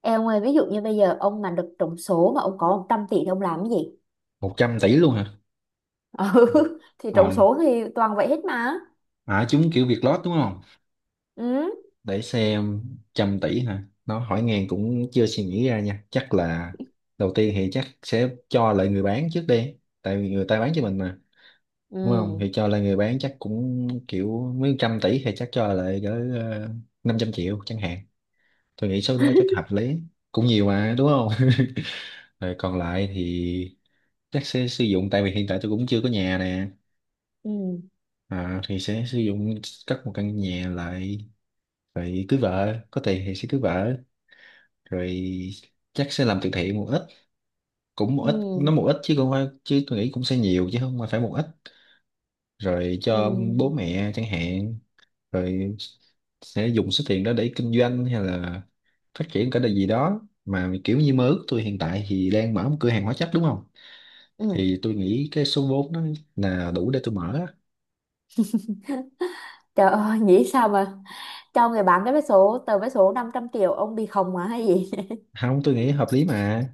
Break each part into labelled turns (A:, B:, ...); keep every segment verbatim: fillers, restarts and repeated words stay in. A: Em ơi, ví dụ như bây giờ ông mà được trúng số mà ông có một trăm tỷ thì ông làm cái gì?
B: Một trăm tỷ luôn hả?
A: Ừ, thì trúng
B: Ờ,
A: số thì toàn vậy hết mà.
B: à, chúng kiểu Việt lót đúng không?
A: Ừ.
B: Để xem trăm tỷ hả? Nó hỏi ngang cũng chưa suy nghĩ ra nha. Chắc là đầu tiên thì chắc sẽ cho lại người bán trước đi. Tại vì người ta bán cho mình mà. Đúng không?
A: Ừ.
B: Thì cho lại người bán chắc cũng kiểu mấy trăm tỷ thì chắc cho lại cỡ ờ, năm trăm triệu chẳng hạn. Tôi nghĩ số đó chắc hợp lý. Cũng nhiều mà đúng không? Rồi còn lại thì chắc sẽ sử dụng, tại vì hiện tại tôi cũng chưa có nhà nè,
A: Ừ.
B: à, thì sẽ sử dụng cất một căn nhà lại, rồi cưới vợ, có tiền thì sẽ cưới vợ, rồi chắc sẽ làm từ thiện một ít. Cũng một ít, nó
A: Ừ.
B: một ít, chứ không phải, chứ tôi nghĩ cũng sẽ nhiều chứ không phải một ít, rồi
A: Ừ.
B: cho bố mẹ chẳng hạn, rồi sẽ dùng số tiền đó để kinh doanh hay là phát triển cái điều gì đó mà kiểu như mơ ước. Tôi hiện tại thì đang mở một cửa hàng hóa chất đúng không,
A: Ừ.
B: thì tôi nghĩ cái số vốn đó là đủ để tôi mở á.
A: Trời ơi, nghĩ sao mà cho người bán cái vé số, tờ vé số năm trăm triệu ông bị khùng mà hay gì?
B: Không, tôi nghĩ hợp lý mà.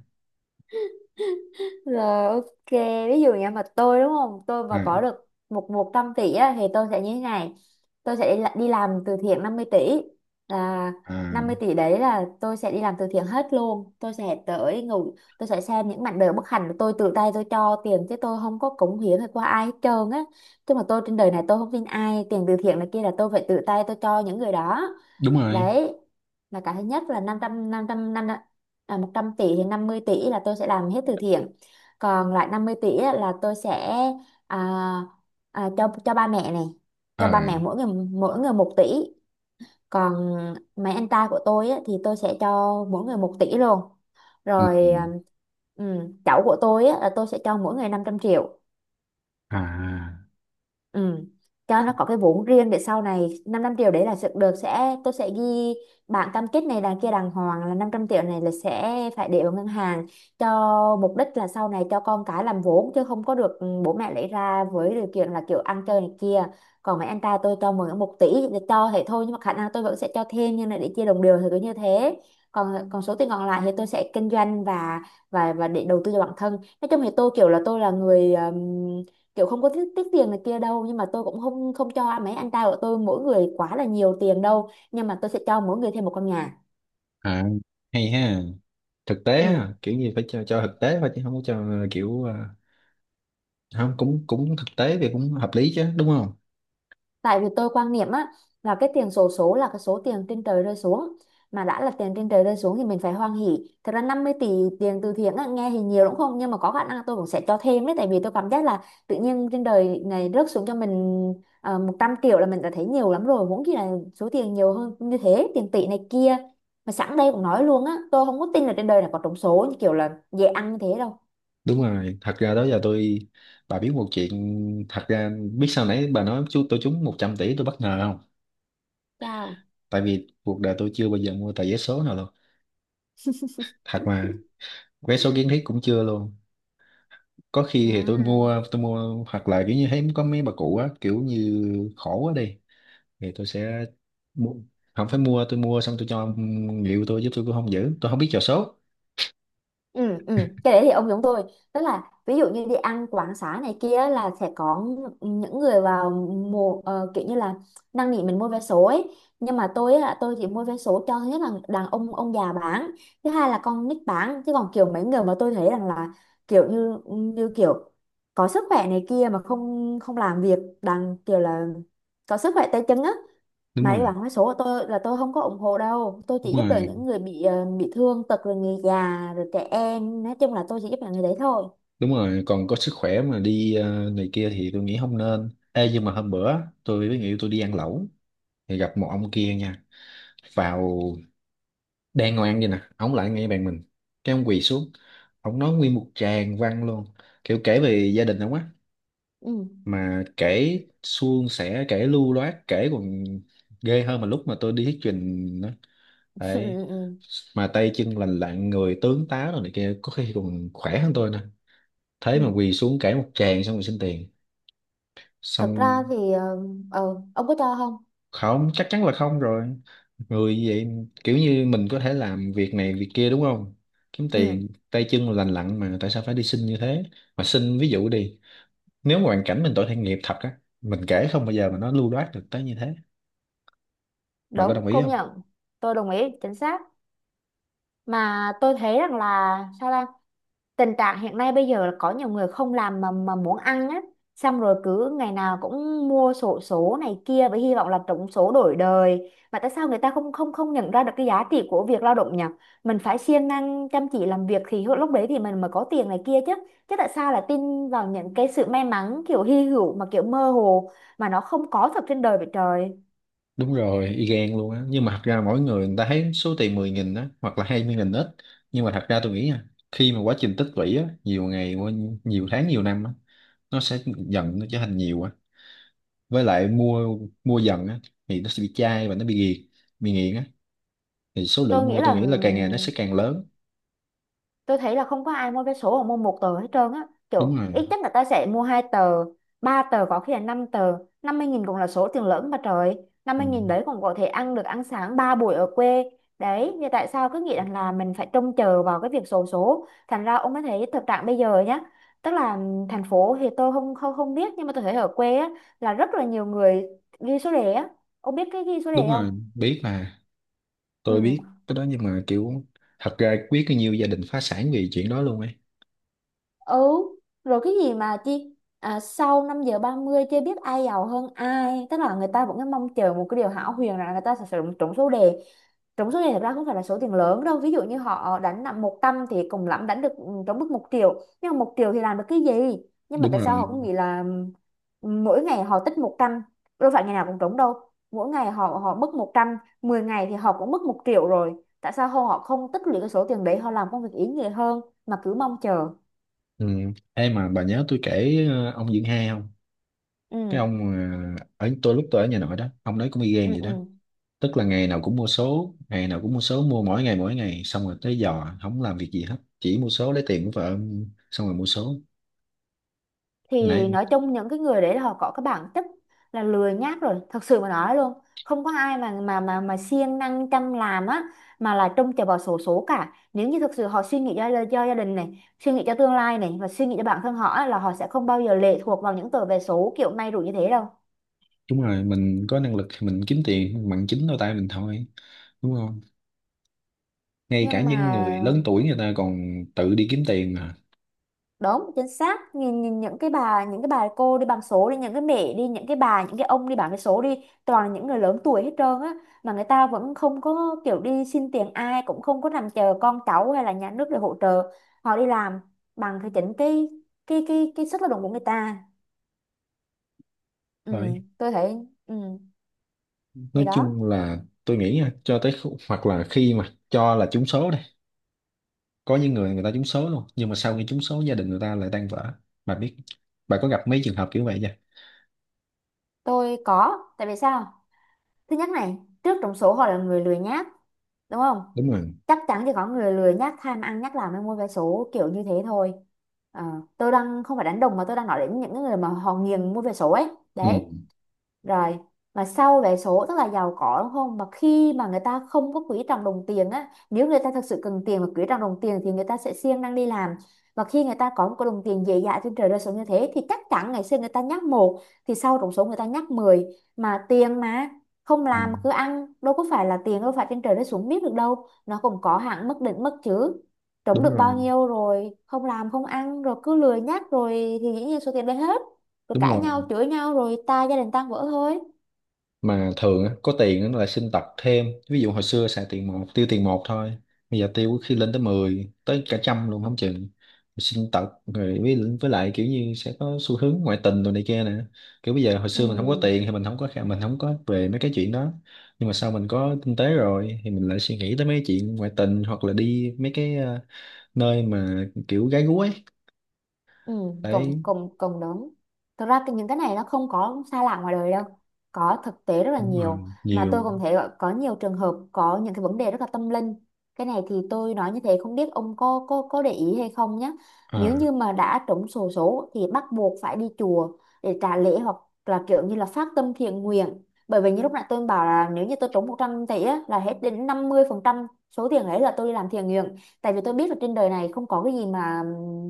A: Rồi ok, ví dụ như mà tôi đúng không? Tôi mà
B: À,
A: có được một một trăm tỷ á, thì tôi sẽ như thế này. Tôi sẽ đi, la- đi làm từ thiện năm mươi tỷ, là năm mươi
B: à,
A: tỷ đấy là tôi sẽ đi làm từ thiện hết luôn. Tôi sẽ tới ngủ, tôi sẽ xem những mảnh đời bất hạnh của tôi, tự tay tôi cho tiền chứ tôi không có cống hiến hay qua ai hết trơn á. Chứ mà tôi trên đời này tôi không tin ai, tiền từ thiện này kia là tôi phải tự tay tôi cho những người đó.
B: đúng rồi.
A: Đấy là cái thứ nhất, là năm trăm năm trăm năm à, một trăm tỷ thì năm mươi tỷ là tôi sẽ làm hết từ thiện, còn lại năm mươi tỷ á, là tôi sẽ à, à, cho cho ba mẹ này,
B: Ờ.
A: cho ba mẹ mỗi người, mỗi người một tỷ. Còn mấy anh trai của tôi á, thì tôi sẽ cho mỗi người một tỷ luôn.
B: Ừ.
A: Rồi à, ừ, cháu của tôi á, là tôi sẽ cho mỗi người năm trăm triệu.
B: À.
A: Ừ. Cho nó có cái vốn riêng để sau này, năm trăm triệu đấy là sự được sẽ tôi sẽ ghi bản cam kết này đằng kia đàng hoàng là năm trăm triệu này là sẽ phải để vào ngân hàng, cho mục đích là sau này cho con cái làm vốn, chứ không có được ừ, bố mẹ lấy ra với điều kiện là kiểu ăn chơi này kia. Còn mấy anh trai tôi cho mượn một tỷ thì cho thế thôi, nhưng mà khả năng tôi vẫn sẽ cho thêm, nhưng là để chia đồng đều thì cứ như thế. Còn còn số tiền còn lại thì tôi sẽ kinh doanh và và và để đầu tư cho bản thân. Nói chung thì tôi kiểu là tôi là người kiểu không có tiếc, tiếc tiền này kia đâu, nhưng mà tôi cũng không không cho mấy anh trai của tôi mỗi người quá là nhiều tiền đâu, nhưng mà tôi sẽ cho mỗi người thêm một căn nhà.
B: À. Hay ha. Thực tế
A: Ừ.
B: ha, kiểu như phải cho cho thực tế thôi chứ không có cho kiểu à, không. Cũng cũng thực tế thì cũng hợp lý chứ đúng không?
A: Tại vì tôi quan niệm á, là cái tiền xổ số là cái số tiền trên trời rơi xuống, mà đã là tiền trên trời rơi xuống thì mình phải hoan hỉ. Thật ra năm mươi tỷ tiền từ thiện á, nghe thì nhiều đúng không, nhưng mà có khả năng tôi cũng sẽ cho thêm đấy, tại vì tôi cảm giác là tự nhiên trên đời này rớt xuống cho mình. Ờ, một trăm triệu là mình đã thấy nhiều lắm rồi, huống chi là số tiền nhiều hơn như thế, tiền tỷ này kia. Mà sẵn đây cũng nói luôn á, tôi không có tin là trên đời này có trúng số như kiểu là dễ ăn như thế đâu.
B: Đúng rồi. Thật ra đó giờ tôi, bà biết một chuyện, thật ra biết sao, nãy bà nói chú tôi trúng một trăm tỷ tôi bất ngờ không.
A: Chao
B: Tại vì cuộc đời tôi chưa bao giờ mua tờ vé số nào luôn, thật mà, vé số kiến thiết cũng chưa luôn. Có khi thì tôi
A: à.
B: mua tôi mua hoặc là kiểu như thấy có mấy bà cụ á, kiểu như khổ quá đi, thì tôi sẽ mua. Không phải mua, tôi mua xong tôi cho người yêu tôi, giúp tôi cũng không giữ, tôi không biết trò số.
A: Ừ, ừ. Cái đấy thì ông giống tôi, tức là ví dụ như đi ăn quán xá này kia là sẽ có những người vào mùa ờ, kiểu như là năn nỉ mình mua vé số ấy, nhưng mà tôi á, tôi chỉ mua vé số cho thứ nhất là đàn ông ông già bán, thứ hai là con nít bán. Chứ còn kiểu mấy người mà tôi thấy rằng là kiểu như như kiểu có sức khỏe này kia mà không không làm việc, đang kiểu là có sức khỏe tay chân á,
B: Đúng
A: mà đi
B: rồi.
A: bán vé số là tôi là tôi không có ủng hộ đâu. Tôi
B: Đúng
A: chỉ giúp đỡ
B: rồi.
A: những người bị ờ, bị thương tật rồi người già rồi trẻ em, nói chung là tôi chỉ giúp đỡ người đấy thôi.
B: Đúng rồi, còn có sức khỏe mà đi ờ, này kia thì tôi nghĩ không nên. Ê, nhưng mà hôm bữa tôi với người yêu tôi đi ăn lẩu thì gặp một ông kia nha, vào đang ngồi ăn vậy nè, ông lại ngay bàn mình, cái ông quỳ xuống, ông nói nguyên một tràng văn luôn, kiểu kể về gia đình ông á,
A: Ừ.
B: mà kể suôn sẻ, kể lưu loát, kể còn ghê hơn mà lúc mà tôi đi thuyết trình nữa.
A: Ừ.
B: Đấy,
A: Ừ, ừ.
B: mà tay chân lành lặn, người tướng tá rồi này kia, có khi còn khỏe hơn tôi nè, thế mà
A: Ừ.
B: quỳ xuống cãi một tràng xong rồi xin tiền.
A: Thực
B: Xong
A: ra thì ờ, ờ, ông có cho không?
B: không, chắc chắn là không rồi. Người như vậy, kiểu như mình có thể làm việc này việc kia đúng không, kiếm tiền,
A: Ừ.
B: tay chân lành lặn mà tại sao phải đi xin như thế? Mà xin ví dụ đi, nếu mà hoàn cảnh mình tội thiện nghiệp thật á, mình kể không bao giờ mà nó lưu loát được tới như thế. Bà có
A: Đúng,
B: đồng ý
A: công
B: không?
A: nhận. Tôi đồng ý, chính xác. Mà tôi thấy rằng là sao ta, tình trạng hiện nay bây giờ là có nhiều người không làm mà mà muốn ăn á, xong rồi cứ ngày nào cũng mua xổ số này kia với hy vọng là trúng số đổi đời. Mà tại sao người ta không không không nhận ra được cái giá trị của việc lao động nhỉ? Mình phải siêng năng chăm chỉ làm việc thì lúc đấy thì mình mới có tiền này kia chứ. Chứ tại sao lại tin vào những cái sự may mắn kiểu hy hữu mà kiểu mơ hồ, mà nó không có thật trên đời vậy trời.
B: Đúng rồi, y gan luôn á. Nhưng mà thật ra mỗi người, người ta thấy số tiền mười nghìn á hoặc là hai mươi nghìn ít, nhưng mà thật ra tôi nghĩ nha, khi mà quá trình tích lũy á, nhiều ngày qua, nhiều tháng nhiều năm á, nó sẽ dần nó trở thành nhiều á. Với lại mua, mua dần á, thì nó sẽ bị chai và nó bị nghiện. Bị nghiện á thì số
A: tôi
B: lượng
A: nghĩ
B: mua tôi
A: là
B: nghĩ là càng ngày nó sẽ càng lớn.
A: tôi thấy là không có ai mua vé số hoặc mua một tờ hết trơn á,
B: Đúng
A: kiểu
B: rồi.
A: ít nhất là ta sẽ mua hai tờ, ba tờ, có khi là năm tờ. Năm mươi nghìn cũng là số tiền lớn mà trời, năm
B: Ừ.
A: mươi nghìn đấy còn có thể ăn được ăn sáng ba buổi ở quê. Đấy thì tại sao cứ nghĩ rằng là mình phải trông chờ vào cái việc xổ số? Thành ra ông mới thấy thực trạng bây giờ nhá, tức là ừm, thành phố thì tôi không không không biết, nhưng mà tôi thấy ở quê á là rất là nhiều người ghi số đề á. Ông biết cái ghi số
B: Đúng
A: đề không?
B: rồi, biết mà. Tôi biết
A: Ừ.
B: cái đó, nhưng mà kiểu, thật ra biết bao nhiêu gia đình phá sản vì chuyện đó luôn ấy.
A: Ừ. Rồi cái gì mà chi à, sau năm giờ ba mươi chưa biết ai giàu hơn ai, tức là người ta vẫn cứ mong chờ một cái điều hão huyền rằng là người ta sẽ trúng trúng số đề. Trúng số đề thật ra không phải là số tiền lớn đâu, ví dụ như họ đánh nặng một trăm thì cùng lắm đánh được ừ, trúng mức một triệu, nhưng mà một triệu thì làm được cái gì? Nhưng mà
B: Đúng
A: tại sao
B: rồi.
A: họ cũng nghĩ là ừ, mỗi ngày họ tích một trăm? Đâu phải ngày nào cũng trúng đâu, mỗi ngày họ họ mất một trăm, mười ngày thì họ cũng mất một triệu rồi. Tại sao họ không tích lũy cái số tiền đấy, họ làm công việc ý nghĩa hơn mà cứ mong chờ?
B: Ừ. Ê, mà bà nhớ tôi kể ờ, ông Dưỡng Hai không? Cái
A: Ừ.
B: ông ờ, ở tôi lúc tôi ở nhà nội đó, ông đấy cũng y gan
A: Ừ,
B: vậy đó.
A: ừ.
B: Tức là ngày nào cũng mua số, ngày nào cũng mua số, mua mỗi ngày mỗi ngày, xong rồi tới giò không làm việc gì hết, chỉ mua số, lấy tiền của vợ xong rồi mua số.
A: Thì
B: Nãy.
A: nói chung những cái người đấy là họ có cái bản chất là lười nhác rồi, thật sự mà nói luôn. Không có ai mà mà mà mà siêng năng chăm làm á mà là trông chờ vào xổ số cả. Nếu như thực sự họ suy nghĩ cho, cho gia đình này, suy nghĩ cho tương lai này, và suy nghĩ cho bản thân họ á, là họ sẽ không bao giờ lệ thuộc vào những tờ vé số kiểu may rủi như thế đâu.
B: Đúng rồi, mình có năng lực thì mình kiếm tiền bằng chính đôi tay mình thôi, đúng không? Ngay cả
A: Nhưng
B: những
A: mà
B: người lớn tuổi người ta còn tự đi kiếm tiền mà.
A: đúng, chính xác, nhìn, nhìn những cái bà, những cái bà cô đi bằng số đi, những cái mẹ đi, những cái bà những cái ông đi bằng cái số đi, toàn là những người lớn tuổi hết trơn á, mà người ta vẫn không có kiểu đi xin tiền ai, cũng không có nằm chờ con cháu hay là nhà nước để hỗ trợ. Họ đi làm bằng cái chính cái cái cái cái sức lao động của người ta. Ừ.
B: Đấy.
A: Tôi thấy ừ, thì
B: Nói
A: đó.
B: chung là, tôi nghĩ nha, cho tới khu- hoặc là khi mà cho là trúng số, có những người người ta trúng số luôn nhưng mà sau khi trúng số gia đình người ta lại tan vỡ. Bà biết, bà có gặp mấy trường hợp kiểu vậy chưa?
A: Tôi có, tại vì sao? Thứ nhất này, trước trong số họ là người lười nhác, đúng không?
B: Đúng rồi.
A: Chắc chắn thì có người lười nhác tham ăn nhác làm mới mua vé số kiểu như thế thôi. Ờ, tôi đang không phải đánh đồng, mà tôi đang nói đến những người mà họ nghiền mua vé số ấy
B: Ừ.
A: đấy. Rồi mà sau vé số tức là giàu có đúng không, mà khi mà người ta không có quý trọng đồng tiền á, nếu người ta thật sự cần tiền và quý trọng đồng tiền thì người ta sẽ siêng năng đi làm. Và khi người ta có một cái đồng tiền dễ dãi trên trời rơi xuống như thế, thì chắc chắn ngày xưa người ta nhắc một thì sau trúng số người ta nhắc mười. Mà tiền mà không
B: Ừ.
A: làm mà cứ ăn, đâu có phải là tiền đâu phải trên trời rơi xuống, biết được đâu, nó cũng có hạn mức định mức chứ. Trúng
B: Đúng
A: được bao
B: rồi.
A: nhiêu rồi không làm không ăn rồi cứ lười nhắc rồi, thì dĩ nhiên số tiền đấy hết. Rồi
B: Đúng
A: cãi
B: rồi,
A: nhau chửi nhau rồi ta gia đình tan vỡ thôi.
B: mà thường á, có tiền nó lại xin tật thêm. Ví dụ hồi xưa xài tiền một, tiêu tiền một thôi, bây giờ tiêu có khi lên tới mười tới cả trăm luôn không chừng. Rồi xin tật rồi, với, với lại kiểu như sẽ có xu hướng ngoại tình rồi này kia nè. Kiểu bây giờ, hồi
A: Ừ.
B: xưa mình không có tiền thì mình không có khả- mình không có về mấy cái chuyện đó, nhưng mà sau mình có kinh tế rồi thì mình lại suy nghĩ tới mấy chuyện ngoại tình hoặc là đi mấy cái ờ, nơi mà kiểu gái gú ấy.
A: Ừ, cộng
B: Đấy.
A: cộng cộng lớn. Thực ra cái- những cái này nó không có xa lạ ngoài đời đâu. Có thực tế rất là
B: Đúng rồi,
A: nhiều. Mà tôi
B: nhiều.
A: cũng thấy gọi- có nhiều trường hợp có những cái vấn đề rất là tâm linh. Cái này thì tôi nói như thế không biết ông có có có để ý hay không nhé. Nếu
B: À,
A: như mà đã trúng xổ số thì bắt buộc phải đi chùa để trả lễ, hoặc là kiểu như là phát tâm thiện nguyện. Bởi vì như lúc nãy tôi bảo là nếu như tôi trúng một trăm tỷ á, là hết đến năm mươi phần trăm số tiền ấy là tôi đi làm thiện nguyện. Tại vì tôi biết là trên đời này không có cái gì mà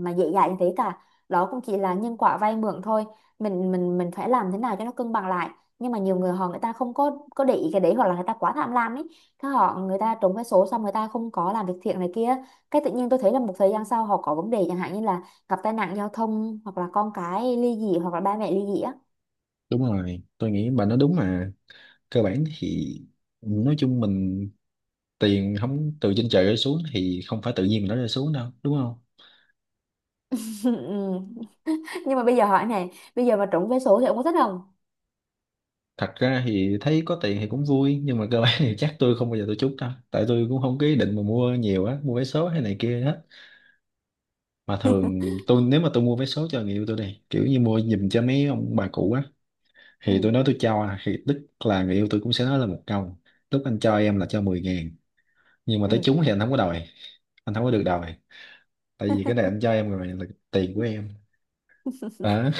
A: mà dễ dàng như thế cả, đó cũng chỉ là nhân quả vay mượn thôi. Mình mình mình phải làm thế nào cho nó cân bằng lại. Nhưng mà nhiều người họ, người ta không có có để ý cái đấy, hoặc là người ta quá tham lam ấy, cái họ, người ta trúng cái số xong người ta không có làm việc thiện này kia. Cái tự nhiên tôi thấy là một thời gian sau họ có vấn đề, chẳng hạn như là gặp tai nạn giao thông, hoặc là con cái ly dị, hoặc là ba mẹ ly dị á.
B: đúng rồi, tôi nghĩ bà nói đúng mà. Cơ bản thì, nói chung, mình tiền không từ trên trời rơi xuống thì không phải tự nhiên mà nó rơi xuống đâu, đúng không?
A: Ừ. Nhưng mà bây giờ hỏi này, bây giờ mà trúng vé số thì ông có thích không?
B: Thật ra thì thấy có tiền thì cũng vui, nhưng mà cơ bản thì chắc tôi không bao giờ tôi trút đâu, tại tôi cũng không có ý định mà mua nhiều á, mua vé số hay này kia hết. Mà thường tôi, nếu mà tôi mua vé số cho người yêu tôi đi, kiểu như mua giùm cho mấy ông bà cụ á, thì
A: Ừ.
B: tôi nói tôi cho, à, thì tức là người yêu tôi cũng sẽ nói là một câu: lúc anh cho em là cho mười ngàn, nhưng mà
A: Ừ.
B: tới trúng thì anh không có đòi, anh không có được đòi, tại vì cái này anh cho em rồi là tiền của em. Đó.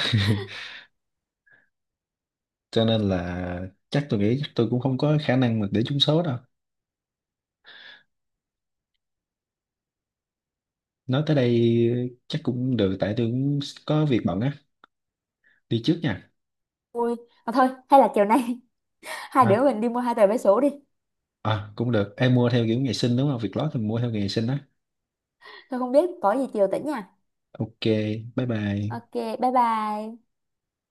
B: Cho nên là chắc tôi nghĩ chắc tôi cũng không có khả năng mà để trúng số đâu. Nói tới đây chắc cũng được, tại tôi cũng có việc bận á, đi trước nha.
A: Vui. Mà thôi, hay là chiều nay hai
B: Hả?
A: đứa mình đi mua hai tờ vé số đi?
B: À cũng được, em mua theo kiểu ngày sinh đúng không, việc lót thì mua theo ngày sinh á.
A: Tôi không biết, có gì chiều tỉnh nha.
B: Ok. Bye bye.
A: Ok, bye bye.